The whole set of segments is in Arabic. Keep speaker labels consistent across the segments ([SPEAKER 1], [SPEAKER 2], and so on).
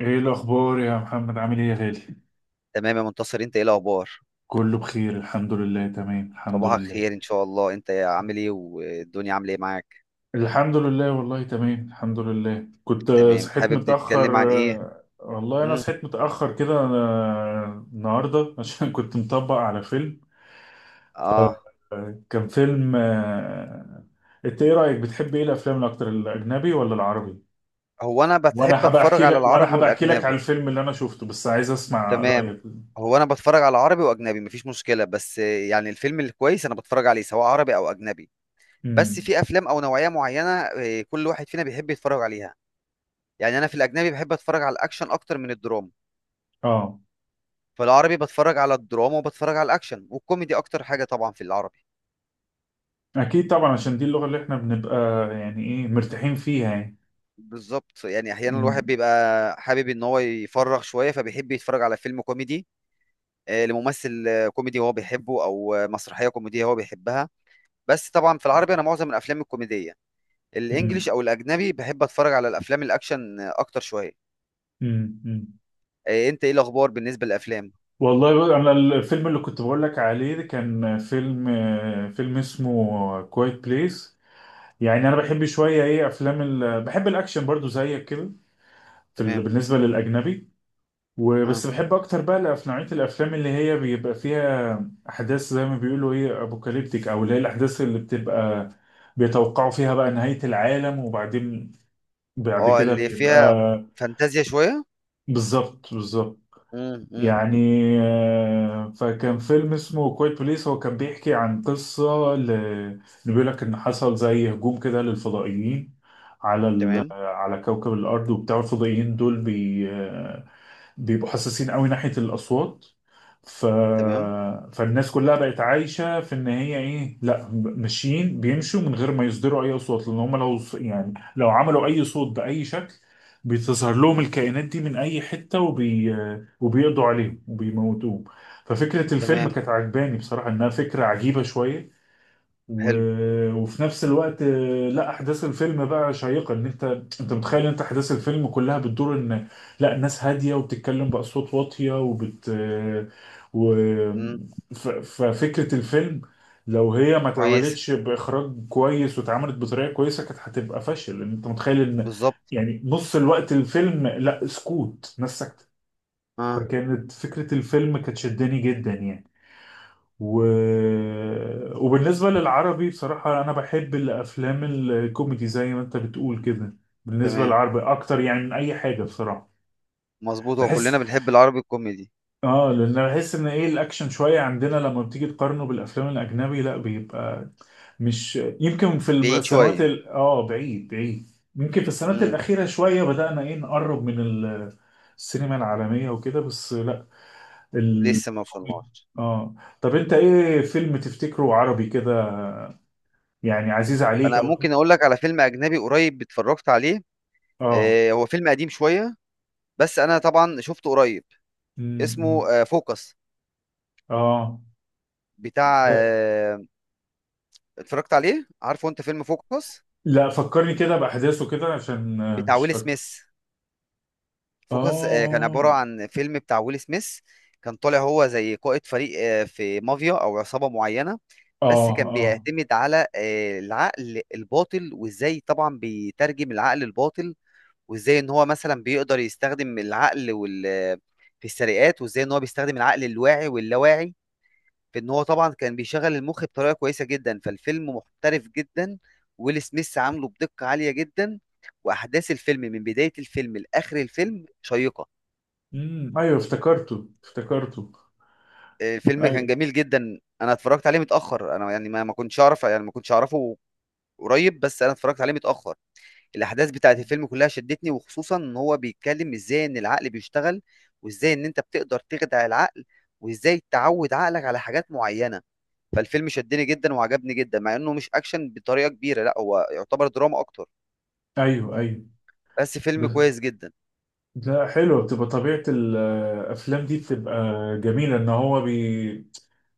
[SPEAKER 1] ايه الاخبار يا محمد؟ عامل ايه يا غالي؟
[SPEAKER 2] تمام، يا منتصر، انت ايه الاخبار؟
[SPEAKER 1] كله بخير الحمد لله، تمام الحمد
[SPEAKER 2] صباحك
[SPEAKER 1] لله.
[SPEAKER 2] خير ان شاء الله. انت عامل
[SPEAKER 1] صح.
[SPEAKER 2] ايه والدنيا عامله ايه معاك؟
[SPEAKER 1] الحمد لله، والله تمام الحمد لله. كنت
[SPEAKER 2] تمام.
[SPEAKER 1] صحيت
[SPEAKER 2] حابب نتكلم عن
[SPEAKER 1] متأخر.
[SPEAKER 2] ايه؟
[SPEAKER 1] والله انا
[SPEAKER 2] مم.
[SPEAKER 1] صحيت متأخر كده أنا النهارده عشان كنت مطبق على فيلم.
[SPEAKER 2] اه.
[SPEAKER 1] كان فيلم انت ايه رأيك؟ بتحب ايه الافلام الاكتر، الاجنبي ولا العربي؟
[SPEAKER 2] هو انا بحب
[SPEAKER 1] وانا هبقى
[SPEAKER 2] اتفرج
[SPEAKER 1] احكي
[SPEAKER 2] على
[SPEAKER 1] لك
[SPEAKER 2] العربي
[SPEAKER 1] وانا هبقى احكي لك على
[SPEAKER 2] والاجنبي.
[SPEAKER 1] الفيلم اللي انا شفته، بس عايز اسمع
[SPEAKER 2] تمام.
[SPEAKER 1] رأيك.
[SPEAKER 2] هو انا بتفرج على عربي واجنبي، مفيش مشكله، بس يعني الفيلم الكويس انا بتفرج عليه سواء عربي او اجنبي. بس
[SPEAKER 1] امم.
[SPEAKER 2] في افلام او نوعيه معينه، كل واحد فينا بيحب يتفرج عليها. يعني انا في الاجنبي بحب اتفرج على الاكشن اكتر من الدراما.
[SPEAKER 1] اه.
[SPEAKER 2] في العربي بتفرج على الدراما وبتفرج على الاكشن والكوميدي اكتر حاجه طبعا في العربي.
[SPEAKER 1] اكيد طبعا، عشان دي اللغه اللي احنا بنبقى يعني ايه مرتاحين فيها يعني.
[SPEAKER 2] بالظبط، يعني احيانا
[SPEAKER 1] أمم،
[SPEAKER 2] الواحد بيبقى حابب ان هو يفرغ شويه فبيحب يتفرج على فيلم كوميدي، لممثل كوميدي هو بيحبه، او مسرحيه كوميديه هو بيحبها. بس طبعا في العربي انا معظم الافلام الكوميديه. الانجليش
[SPEAKER 1] أمم،
[SPEAKER 2] او الاجنبي بحب اتفرج على الافلام الاكشن اكتر شويه.
[SPEAKER 1] أمم، أمم.
[SPEAKER 2] انت ايه الاخبار بالنسبه للافلام؟
[SPEAKER 1] والله بقى انا الفيلم اللي كنت بقول لك عليه ده كان فيلم، فيلم اسمه كوايت بليس. يعني انا بحب شويه ايه افلام بحب الاكشن برضو زيك كده في
[SPEAKER 2] تمام.
[SPEAKER 1] بالنسبه للاجنبي.
[SPEAKER 2] اه.
[SPEAKER 1] وبس بحب اكتر بقى نوعيه الافلام اللي هي بيبقى فيها احداث زي ما بيقولوا ايه ابوكاليبتيك، او اللي هي الاحداث اللي بتبقى بيتوقعوا فيها بقى نهاية العالم، وبعدين بعد
[SPEAKER 2] اه
[SPEAKER 1] كده
[SPEAKER 2] اللي
[SPEAKER 1] بيبقى.
[SPEAKER 2] فيها فانتازيا شويه.
[SPEAKER 1] بالظبط بالظبط.
[SPEAKER 2] امم، امم.
[SPEAKER 1] يعني فكان فيلم اسمه كويت بليس، هو كان بيحكي عن قصة اللي بيقول لك إن حصل زي هجوم كده للفضائيين على
[SPEAKER 2] تمام،
[SPEAKER 1] على كوكب الأرض. وبتاع الفضائيين دول بي... آه، بيبقوا حساسين قوي ناحية الأصوات. ف...
[SPEAKER 2] تمام،
[SPEAKER 1] فالناس كلها بقت عايشة في إن هي إيه، لا ماشيين بيمشوا من غير ما يصدروا أي أصوات، لأن هم لو يعني لو عملوا أي صوت بأي شكل بتظهر لهم الكائنات دي من أي حتة وبيقضوا عليهم وبيموتوهم. ففكرة الفيلم
[SPEAKER 2] تمام.
[SPEAKER 1] كانت عجباني بصراحة، إنها فكرة عجيبة شوية. و...
[SPEAKER 2] حلو.
[SPEAKER 1] وفي نفس الوقت لا احداث الفيلم بقى شيقه، ان انت انت متخيل انت احداث الفيلم كلها بتدور ان لا الناس هاديه وبتتكلم باصوات واطيه وبت آه، و...
[SPEAKER 2] امم.
[SPEAKER 1] ف... ففكره الفيلم لو هي ما
[SPEAKER 2] كويس.
[SPEAKER 1] اتعملتش باخراج كويس واتعملت بطريقه كويسه كانت هتبقى فاشل، لان انت متخيل ان
[SPEAKER 2] بالظبط.
[SPEAKER 1] يعني نص الوقت الفيلم لا سكوت، ناس ساكته.
[SPEAKER 2] اه.
[SPEAKER 1] فكانت فكره الفيلم كانت شداني جدا يعني. و... وبالنسبة للعربي بصراحة أنا بحب الأفلام الكوميدي زي ما أنت بتقول كده، بالنسبة
[SPEAKER 2] تمام.
[SPEAKER 1] للعربي أكتر يعني من أي حاجة بصراحة.
[SPEAKER 2] مظبوط، هو
[SPEAKER 1] بحس
[SPEAKER 2] كلنا بنحب العربي الكوميدي.
[SPEAKER 1] آه، لأن أنا بحس إن إيه الأكشن شوية عندنا لما بتيجي تقارنه بالأفلام الأجنبي لا بيبقى مش يمكن في
[SPEAKER 2] بعيد
[SPEAKER 1] السنوات
[SPEAKER 2] شوية.
[SPEAKER 1] ال... آه بعيد بعيد. يمكن في السنوات
[SPEAKER 2] امم.
[SPEAKER 1] الأخيرة شوية بدأنا إيه نقرب من السينما العالمية وكده، بس لا ال...
[SPEAKER 2] لسه ما وصلناش.
[SPEAKER 1] آه طب أنت إيه فيلم تفتكره عربي كده يعني عزيز عليك
[SPEAKER 2] انا
[SPEAKER 1] او؟
[SPEAKER 2] ممكن اقول لك على فيلم اجنبي قريب اتفرجت عليه،
[SPEAKER 1] اه.
[SPEAKER 2] هو فيلم قديم شوية، بس انا طبعا شفته قريب. اسمه
[SPEAKER 1] امم.
[SPEAKER 2] فوكس.
[SPEAKER 1] اه.
[SPEAKER 2] بتاع
[SPEAKER 1] ده؟
[SPEAKER 2] آه اتفرجت عليه؟ عارفه انت فيلم فوكس
[SPEAKER 1] لا فكرني كده بأحداثه كده عشان
[SPEAKER 2] بتاع
[SPEAKER 1] مش
[SPEAKER 2] ويل
[SPEAKER 1] فاكره.
[SPEAKER 2] سميث؟ فوكس كان عبارة
[SPEAKER 1] اه.
[SPEAKER 2] عن فيلم بتاع ويل سميث. كان طالع هو زي قائد فريق في مافيا او عصابة معينة.
[SPEAKER 1] اه.
[SPEAKER 2] بس كان
[SPEAKER 1] اه.
[SPEAKER 2] بيعتمد على العقل الباطل، وازاي طبعا بيترجم العقل الباطل، وازاي ان هو مثلا بيقدر يستخدم العقل في السرقات، وازاي ان هو بيستخدم العقل الواعي واللاواعي، في ان هو طبعا كان بيشغل المخ بطريقه كويسه جدا. فالفيلم محترف جدا، ويل سميث عامله بدقه عاليه جدا، واحداث الفيلم من بدايه الفيلم لاخر الفيلم شيقه.
[SPEAKER 1] امم. ايوه افتكرته افتكرته.
[SPEAKER 2] الفيلم كان
[SPEAKER 1] ايوه
[SPEAKER 2] جميل جدا. انا اتفرجت عليه متاخر، انا يعني ما كنتش اعرف، يعني ما كنتش اعرفه قريب، بس انا اتفرجت عليه متاخر. الاحداث بتاعت الفيلم كلها شدتني، وخصوصا ان هو بيتكلم ازاي ان العقل بيشتغل، وازاي ان انت بتقدر تخدع العقل، وازاي تعود عقلك على حاجات معينة. فالفيلم شدني جدا وعجبني جدا، مع انه مش اكشن بطريقة كبيرة، لا هو يعتبر دراما اكتر.
[SPEAKER 1] ايوه ايوه.
[SPEAKER 2] بس فيلم
[SPEAKER 1] بس
[SPEAKER 2] كويس جدا.
[SPEAKER 1] لا حلوه بتبقى طبيعه الافلام دي، بتبقى جميله ان هو بي،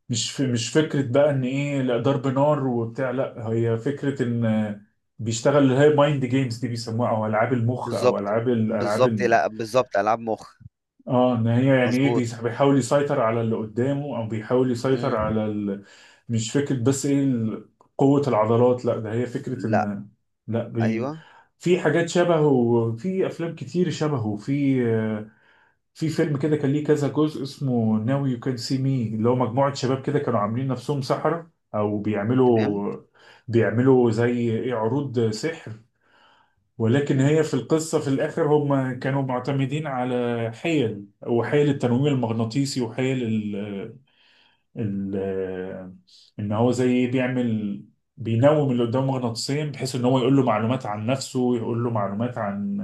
[SPEAKER 1] مش فكره بقى ان ايه لا ضرب نار وبتاع، لا هي فكره ان بيشتغل اللي هي مايند جيمز دي بيسموها، او العاب المخ او
[SPEAKER 2] بالظبط،
[SPEAKER 1] العاب الالعاب.
[SPEAKER 2] بالظبط، لا بالظبط، العاب مخ.
[SPEAKER 1] اه، ان هي يعني ايه
[SPEAKER 2] مظبوط.
[SPEAKER 1] بيحاول يسيطر على اللي قدامه او بيحاول يسيطر
[SPEAKER 2] مم.
[SPEAKER 1] على مش فكرة بس ايه قوة العضلات، لا ده هي فكرة
[SPEAKER 2] لا.
[SPEAKER 1] ان، لا بي...
[SPEAKER 2] ايوه.
[SPEAKER 1] في حاجات شبهه وفي افلام كتير شبهه في في فيلم كده كان ليه كذا جزء اسمه ناو يو كان سي مي، اللي هو مجموعة شباب كده كانوا عاملين نفسهم سحرة او
[SPEAKER 2] تمام.
[SPEAKER 1] بيعملوا زي ايه عروض سحر، ولكن
[SPEAKER 2] مم.
[SPEAKER 1] هي في القصة في الآخر هم كانوا معتمدين على حيل، وحيل التنويم المغناطيسي، وحيل ال ال إن هو زي بيعمل بينوم اللي قدامه مغناطيسيا بحيث إن هو يقول له معلومات عن نفسه، ويقول له معلومات عن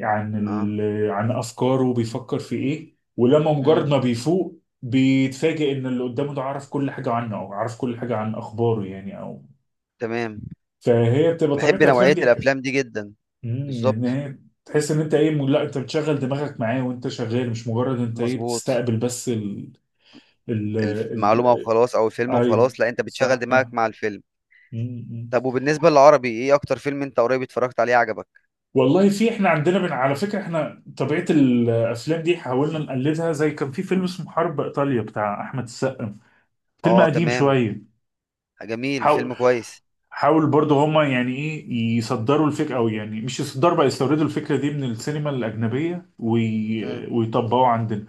[SPEAKER 1] عن
[SPEAKER 2] اه.
[SPEAKER 1] ال عن أفكاره بيفكر في إيه، ولما مجرد
[SPEAKER 2] مم.
[SPEAKER 1] ما بيفوق بيتفاجئ إن اللي قدامه ده عارف كل حاجة عنه، أو عارف كل حاجة عن أخباره يعني أو.
[SPEAKER 2] تمام.
[SPEAKER 1] فهي بتبقى طبيعة
[SPEAKER 2] بحب
[SPEAKER 1] الأفلام
[SPEAKER 2] نوعية
[SPEAKER 1] دي.
[SPEAKER 2] الافلام دي جدا.
[SPEAKER 1] امم، ان
[SPEAKER 2] بالظبط.
[SPEAKER 1] هي تحس ان انت ايه لا انت بتشغل دماغك معاه وانت شغال، مش مجرد انت ايه
[SPEAKER 2] مظبوط.
[SPEAKER 1] بتستقبل بس ال ال
[SPEAKER 2] المعلومة
[SPEAKER 1] ال
[SPEAKER 2] وخلاص، او الفيلم
[SPEAKER 1] ايوه.
[SPEAKER 2] وخلاص، لا انت بتشغل
[SPEAKER 1] صح صح.
[SPEAKER 2] دماغك مع الفيلم.
[SPEAKER 1] امم.
[SPEAKER 2] طب وبالنسبة للعربي ايه اكتر فيلم انت قريب اتفرجت عليه عجبك؟
[SPEAKER 1] والله في احنا عندنا من على فكره، احنا طبيعه الافلام دي حاولنا نقلدها. زي كان في فيلم اسمه حرب ايطاليا بتاع احمد السقا، فيلم
[SPEAKER 2] اه،
[SPEAKER 1] قديم
[SPEAKER 2] تمام.
[SPEAKER 1] شويه.
[SPEAKER 2] جميل،
[SPEAKER 1] حاول
[SPEAKER 2] فيلم كويس.
[SPEAKER 1] حاول برضه هما يعني ايه يصدروا الفكره، او يعني مش يصدروا بقى، يستوردوا الفكره دي من السينما الاجنبيه
[SPEAKER 2] امم.
[SPEAKER 1] ويطبقوا عندنا.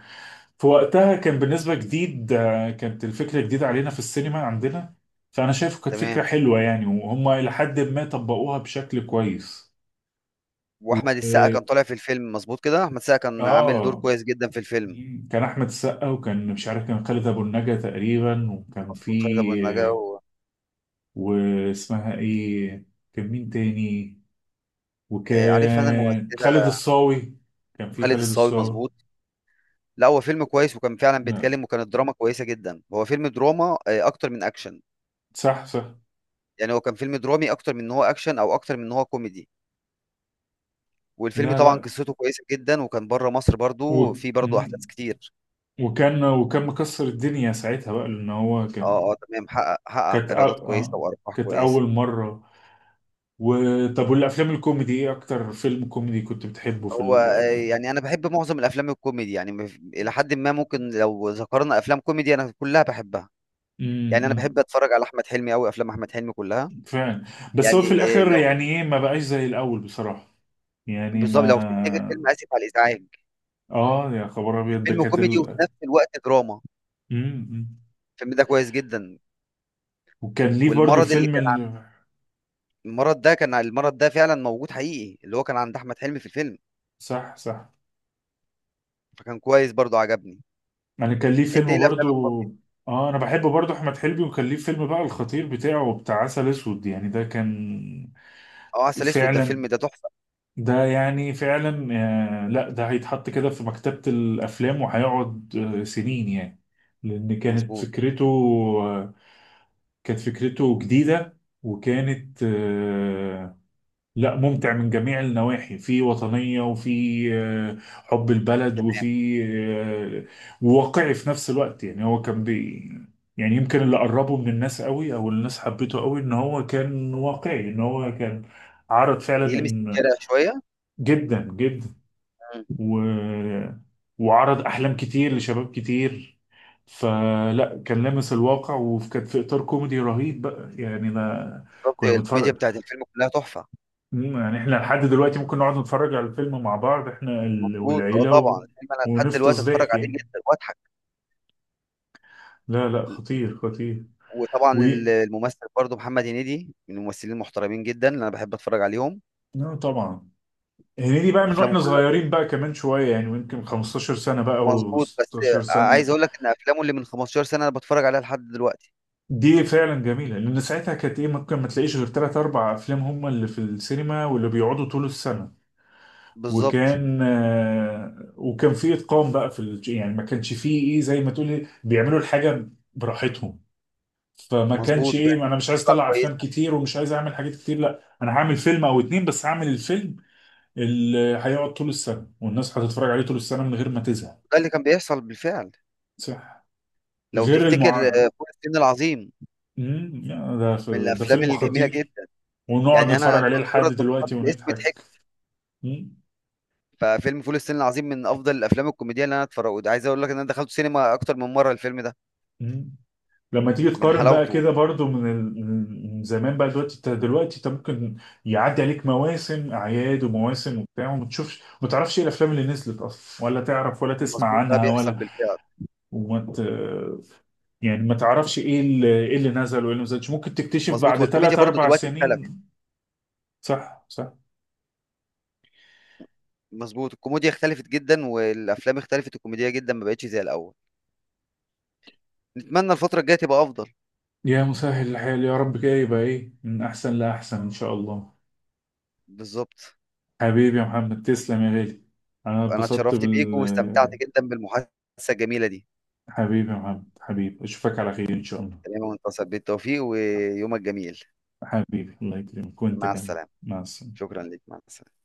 [SPEAKER 1] في وقتها كان بالنسبة جديد كانت الفكرة جديدة علينا في السينما عندنا، فأنا شايفه كانت فكرة
[SPEAKER 2] تمام.
[SPEAKER 1] حلوة يعني، وهم إلى حد ما طبقوها بشكل كويس. و...
[SPEAKER 2] واحمد السقا
[SPEAKER 1] آه
[SPEAKER 2] كان طالع في الفيلم، مظبوط كده، احمد السقا كان عامل دور
[SPEAKER 1] آه،
[SPEAKER 2] كويس جدا في الفيلم.
[SPEAKER 1] كان أحمد السقا، وكان مش عارف كان خالد أبو النجا تقريبا، وكان في
[SPEAKER 2] مظبوط، خالد ابو النجا
[SPEAKER 1] آه، واسمها إيه؟ كان مين تاني؟
[SPEAKER 2] عارف انا
[SPEAKER 1] وكان خالد
[SPEAKER 2] الممثلة.
[SPEAKER 1] الصاوي، كان في
[SPEAKER 2] خالد
[SPEAKER 1] خالد
[SPEAKER 2] الصاوي،
[SPEAKER 1] الصاوي.
[SPEAKER 2] مظبوط. لا هو فيلم كويس، وكان فعلا
[SPEAKER 1] لا.
[SPEAKER 2] بيتكلم، وكانت دراما كويسة جدا. هو فيلم دراما اكتر من اكشن.
[SPEAKER 1] صح صح.
[SPEAKER 2] يعني هو كان فيلم درامي اكتر من ان هو اكشن، او اكتر من ان هو كوميدي. والفيلم
[SPEAKER 1] لا
[SPEAKER 2] طبعا
[SPEAKER 1] لا.
[SPEAKER 2] قصته كويسه جدا، وكان بره مصر
[SPEAKER 1] و...
[SPEAKER 2] برضو في برضو احداث
[SPEAKER 1] مم.
[SPEAKER 2] كتير.
[SPEAKER 1] وكان وكان مكسر الدنيا ساعتها بقى لان هو
[SPEAKER 2] اه،
[SPEAKER 1] كان،
[SPEAKER 2] اه، تمام، حقق
[SPEAKER 1] كانت أ-
[SPEAKER 2] ايرادات كويسه
[SPEAKER 1] اه
[SPEAKER 2] وارباح
[SPEAKER 1] كانت
[SPEAKER 2] كويسه.
[SPEAKER 1] اول مره. وطب، والافلام الكوميدي ايه اكتر فيلم كوميدي كنت بتحبه في
[SPEAKER 2] هو
[SPEAKER 1] ال؟
[SPEAKER 2] يعني انا بحب معظم الافلام الكوميدي، يعني الى حد ما ممكن لو ذكرنا افلام كوميدي انا كلها بحبها. يعني انا
[SPEAKER 1] امم.
[SPEAKER 2] بحب اتفرج على احمد حلمي قوي، افلام احمد حلمي كلها.
[SPEAKER 1] فعلا. بس هو
[SPEAKER 2] يعني
[SPEAKER 1] في
[SPEAKER 2] آه،
[SPEAKER 1] الاخر
[SPEAKER 2] لو
[SPEAKER 1] يعني ايه ما بقاش زي الاول بصراحه. يعني
[SPEAKER 2] بالظبط، لو تفتكر فيلم
[SPEAKER 1] ما.
[SPEAKER 2] اسف على الازعاج،
[SPEAKER 1] اه يا خبر ابيض، ده
[SPEAKER 2] الفيلم
[SPEAKER 1] كانت
[SPEAKER 2] كوميدي وفي نفس الوقت دراما.
[SPEAKER 1] امم.
[SPEAKER 2] الفيلم ده كويس جدا.
[SPEAKER 1] وكان ليه برضو
[SPEAKER 2] والمرض اللي
[SPEAKER 1] الفيلم
[SPEAKER 2] كان المرض ده فعلا موجود حقيقي، اللي هو كان عند احمد حلمي في الفيلم.
[SPEAKER 1] صح صح.
[SPEAKER 2] فكان كويس برضو، عجبني.
[SPEAKER 1] يعني كان ليه
[SPEAKER 2] انت ايه
[SPEAKER 1] فيلم
[SPEAKER 2] الافلام
[SPEAKER 1] برضو.
[SPEAKER 2] الكوميدي؟
[SPEAKER 1] اه، انا بحب برضو احمد حلمي، وكان ليه فيلم بقى الخطير بتاعه بتاع عسل اسود، يعني ده كان
[SPEAKER 2] اه، عسل اسود، ده
[SPEAKER 1] فعلا،
[SPEAKER 2] الفيلم ده تحفه.
[SPEAKER 1] ده يعني فعلا لا ده هيتحط كده في مكتبة الأفلام، وهيقعد سنين يعني. لأن كانت
[SPEAKER 2] مظبوط.
[SPEAKER 1] فكرته آه، كانت فكرته جديدة، وكانت لا ممتع من جميع النواحي، في وطنية، وفي حب البلد، وفي
[SPEAKER 2] تمام.
[SPEAKER 1] آه، وواقعي في نفس الوقت. يعني هو كان بي يعني يمكن اللي قربه من الناس قوي، او الناس حبته قوي ان هو كان واقعي، ان هو كان عرض فعلا
[SPEAKER 2] بيلمس الشارع شويه.
[SPEAKER 1] جدا جدا.
[SPEAKER 2] مم.
[SPEAKER 1] و... وعرض احلام كتير لشباب كتير، فلا كان لامس الواقع، وكانت في اطار كوميدي رهيب بقى يعني. انا
[SPEAKER 2] بالظبط،
[SPEAKER 1] كنا
[SPEAKER 2] الكوميديا
[SPEAKER 1] بنتفرج.
[SPEAKER 2] بتاعت الفيلم كلها تحفه.
[SPEAKER 1] مم، يعني احنا لحد دلوقتي ممكن نقعد نتفرج على الفيلم مع بعض احنا
[SPEAKER 2] مظبوط،
[SPEAKER 1] والعيله
[SPEAKER 2] اه طبعا الفيلم انا لحد دلوقتي
[SPEAKER 1] ونفطس
[SPEAKER 2] اتفرج
[SPEAKER 1] ضحك
[SPEAKER 2] عليه
[SPEAKER 1] يعني.
[SPEAKER 2] جدا واضحك.
[SPEAKER 1] لا لا، خطير خطير. و،
[SPEAKER 2] وطبعا الممثل برضو محمد هنيدي من الممثلين المحترمين جدا اللي انا بحب اتفرج عليهم.
[SPEAKER 1] لا طبعا. هنيدي بقى من
[SPEAKER 2] افلامه
[SPEAKER 1] واحنا
[SPEAKER 2] كلها
[SPEAKER 1] صغيرين بقى كمان شويه يعني، يمكن 15 سنه بقى
[SPEAKER 2] مظبوط، بس
[SPEAKER 1] و16 سنه.
[SPEAKER 2] عايز اقول لك ان افلامه اللي من 15 سنه انا بتفرج عليها لحد دلوقتي.
[SPEAKER 1] دي فعلا جميلة، لأن ساعتها كانت إيه ممكن ما تلاقيش غير تلات أربع أفلام هما اللي في السينما واللي بيقعدوا طول السنة.
[SPEAKER 2] بالظبط.
[SPEAKER 1] وكان وكان في إتقان بقى في يعني ما كانش فيه إيه زي ما تقولي بيعملوا الحاجة براحتهم، فما كانش
[SPEAKER 2] مظبوط، وكانت
[SPEAKER 1] إيه أنا مش عايز
[SPEAKER 2] بتطلع
[SPEAKER 1] أطلع أفلام
[SPEAKER 2] كويسه.
[SPEAKER 1] كتير ومش عايز أعمل حاجات كتير، لا أنا هعمل فيلم أو اتنين بس، هعمل الفيلم اللي هيقعد طول السنة والناس هتتفرج عليه طول السنة من غير ما تزهق.
[SPEAKER 2] ده اللي كان بيحصل بالفعل.
[SPEAKER 1] صح.
[SPEAKER 2] لو
[SPEAKER 1] غير
[SPEAKER 2] تفتكر
[SPEAKER 1] المع،
[SPEAKER 2] فول الصين العظيم،
[SPEAKER 1] مم، لا، ده
[SPEAKER 2] من
[SPEAKER 1] ده
[SPEAKER 2] الافلام
[SPEAKER 1] فيلم
[SPEAKER 2] الجميله
[SPEAKER 1] خطير،
[SPEAKER 2] جدا.
[SPEAKER 1] ونقعد
[SPEAKER 2] يعني انا
[SPEAKER 1] نتفرج عليه لحد
[SPEAKER 2] مجرد ما ذكرت
[SPEAKER 1] دلوقتي
[SPEAKER 2] الاسم
[SPEAKER 1] ونضحك.
[SPEAKER 2] ضحكت.
[SPEAKER 1] مم.
[SPEAKER 2] ففيلم فول الصين العظيم من افضل الافلام الكوميديه اللي انا اتفرجت، عايز اقول لك ان انا دخلت سينما اكتر من مره الفيلم ده
[SPEAKER 1] مم. لما تيجي
[SPEAKER 2] من
[SPEAKER 1] تقارن بقى
[SPEAKER 2] حلاوته.
[SPEAKER 1] كده برضو من من زمان بقى، دلوقتي انت دلوقتي انت ممكن يعدي عليك مواسم اعياد ومواسم وبتاع وما تشوفش ما تعرفش ايه الافلام اللي نزلت اصلا، ولا تعرف ولا تسمع
[SPEAKER 2] مظبوط، ده
[SPEAKER 1] عنها
[SPEAKER 2] بيحصل
[SPEAKER 1] ولا
[SPEAKER 2] بالفعل.
[SPEAKER 1] وما ت... يعني ما تعرفش ايه ايه اللي نزل وايه اللي ما نزلش، ممكن تكتشف
[SPEAKER 2] مظبوط،
[SPEAKER 1] بعد
[SPEAKER 2] والكوميديا
[SPEAKER 1] ثلاث
[SPEAKER 2] برضو
[SPEAKER 1] اربع
[SPEAKER 2] دلوقتي اختلفت.
[SPEAKER 1] سنين. صح صح.
[SPEAKER 2] مظبوط، الكوميديا اختلفت جدا، والافلام اختلفت، الكوميديا جدا ما بقتش زي الاول. نتمنى الفتره الجايه تبقى افضل.
[SPEAKER 1] يا مسهل الحال يا رب، كده يبقى ايه من احسن لاحسن ان شاء الله.
[SPEAKER 2] بالظبط.
[SPEAKER 1] حبيبي يا محمد، تسلم يا غالي. انا
[SPEAKER 2] انا
[SPEAKER 1] اتبسطت
[SPEAKER 2] اتشرفت بيك،
[SPEAKER 1] بال،
[SPEAKER 2] واستمتعت جدا بالمحادثه الجميله دي.
[SPEAKER 1] حبيبي يا محمد، حبيبي اشوفك على خير ان شاء الله.
[SPEAKER 2] تمام، وانت بالتوفيق، ويومك جميل.
[SPEAKER 1] حبيبي الله يكرمك وانت
[SPEAKER 2] مع
[SPEAKER 1] كمان.
[SPEAKER 2] السلامه.
[SPEAKER 1] مع السلامه.
[SPEAKER 2] شكرا لك، مع السلامه.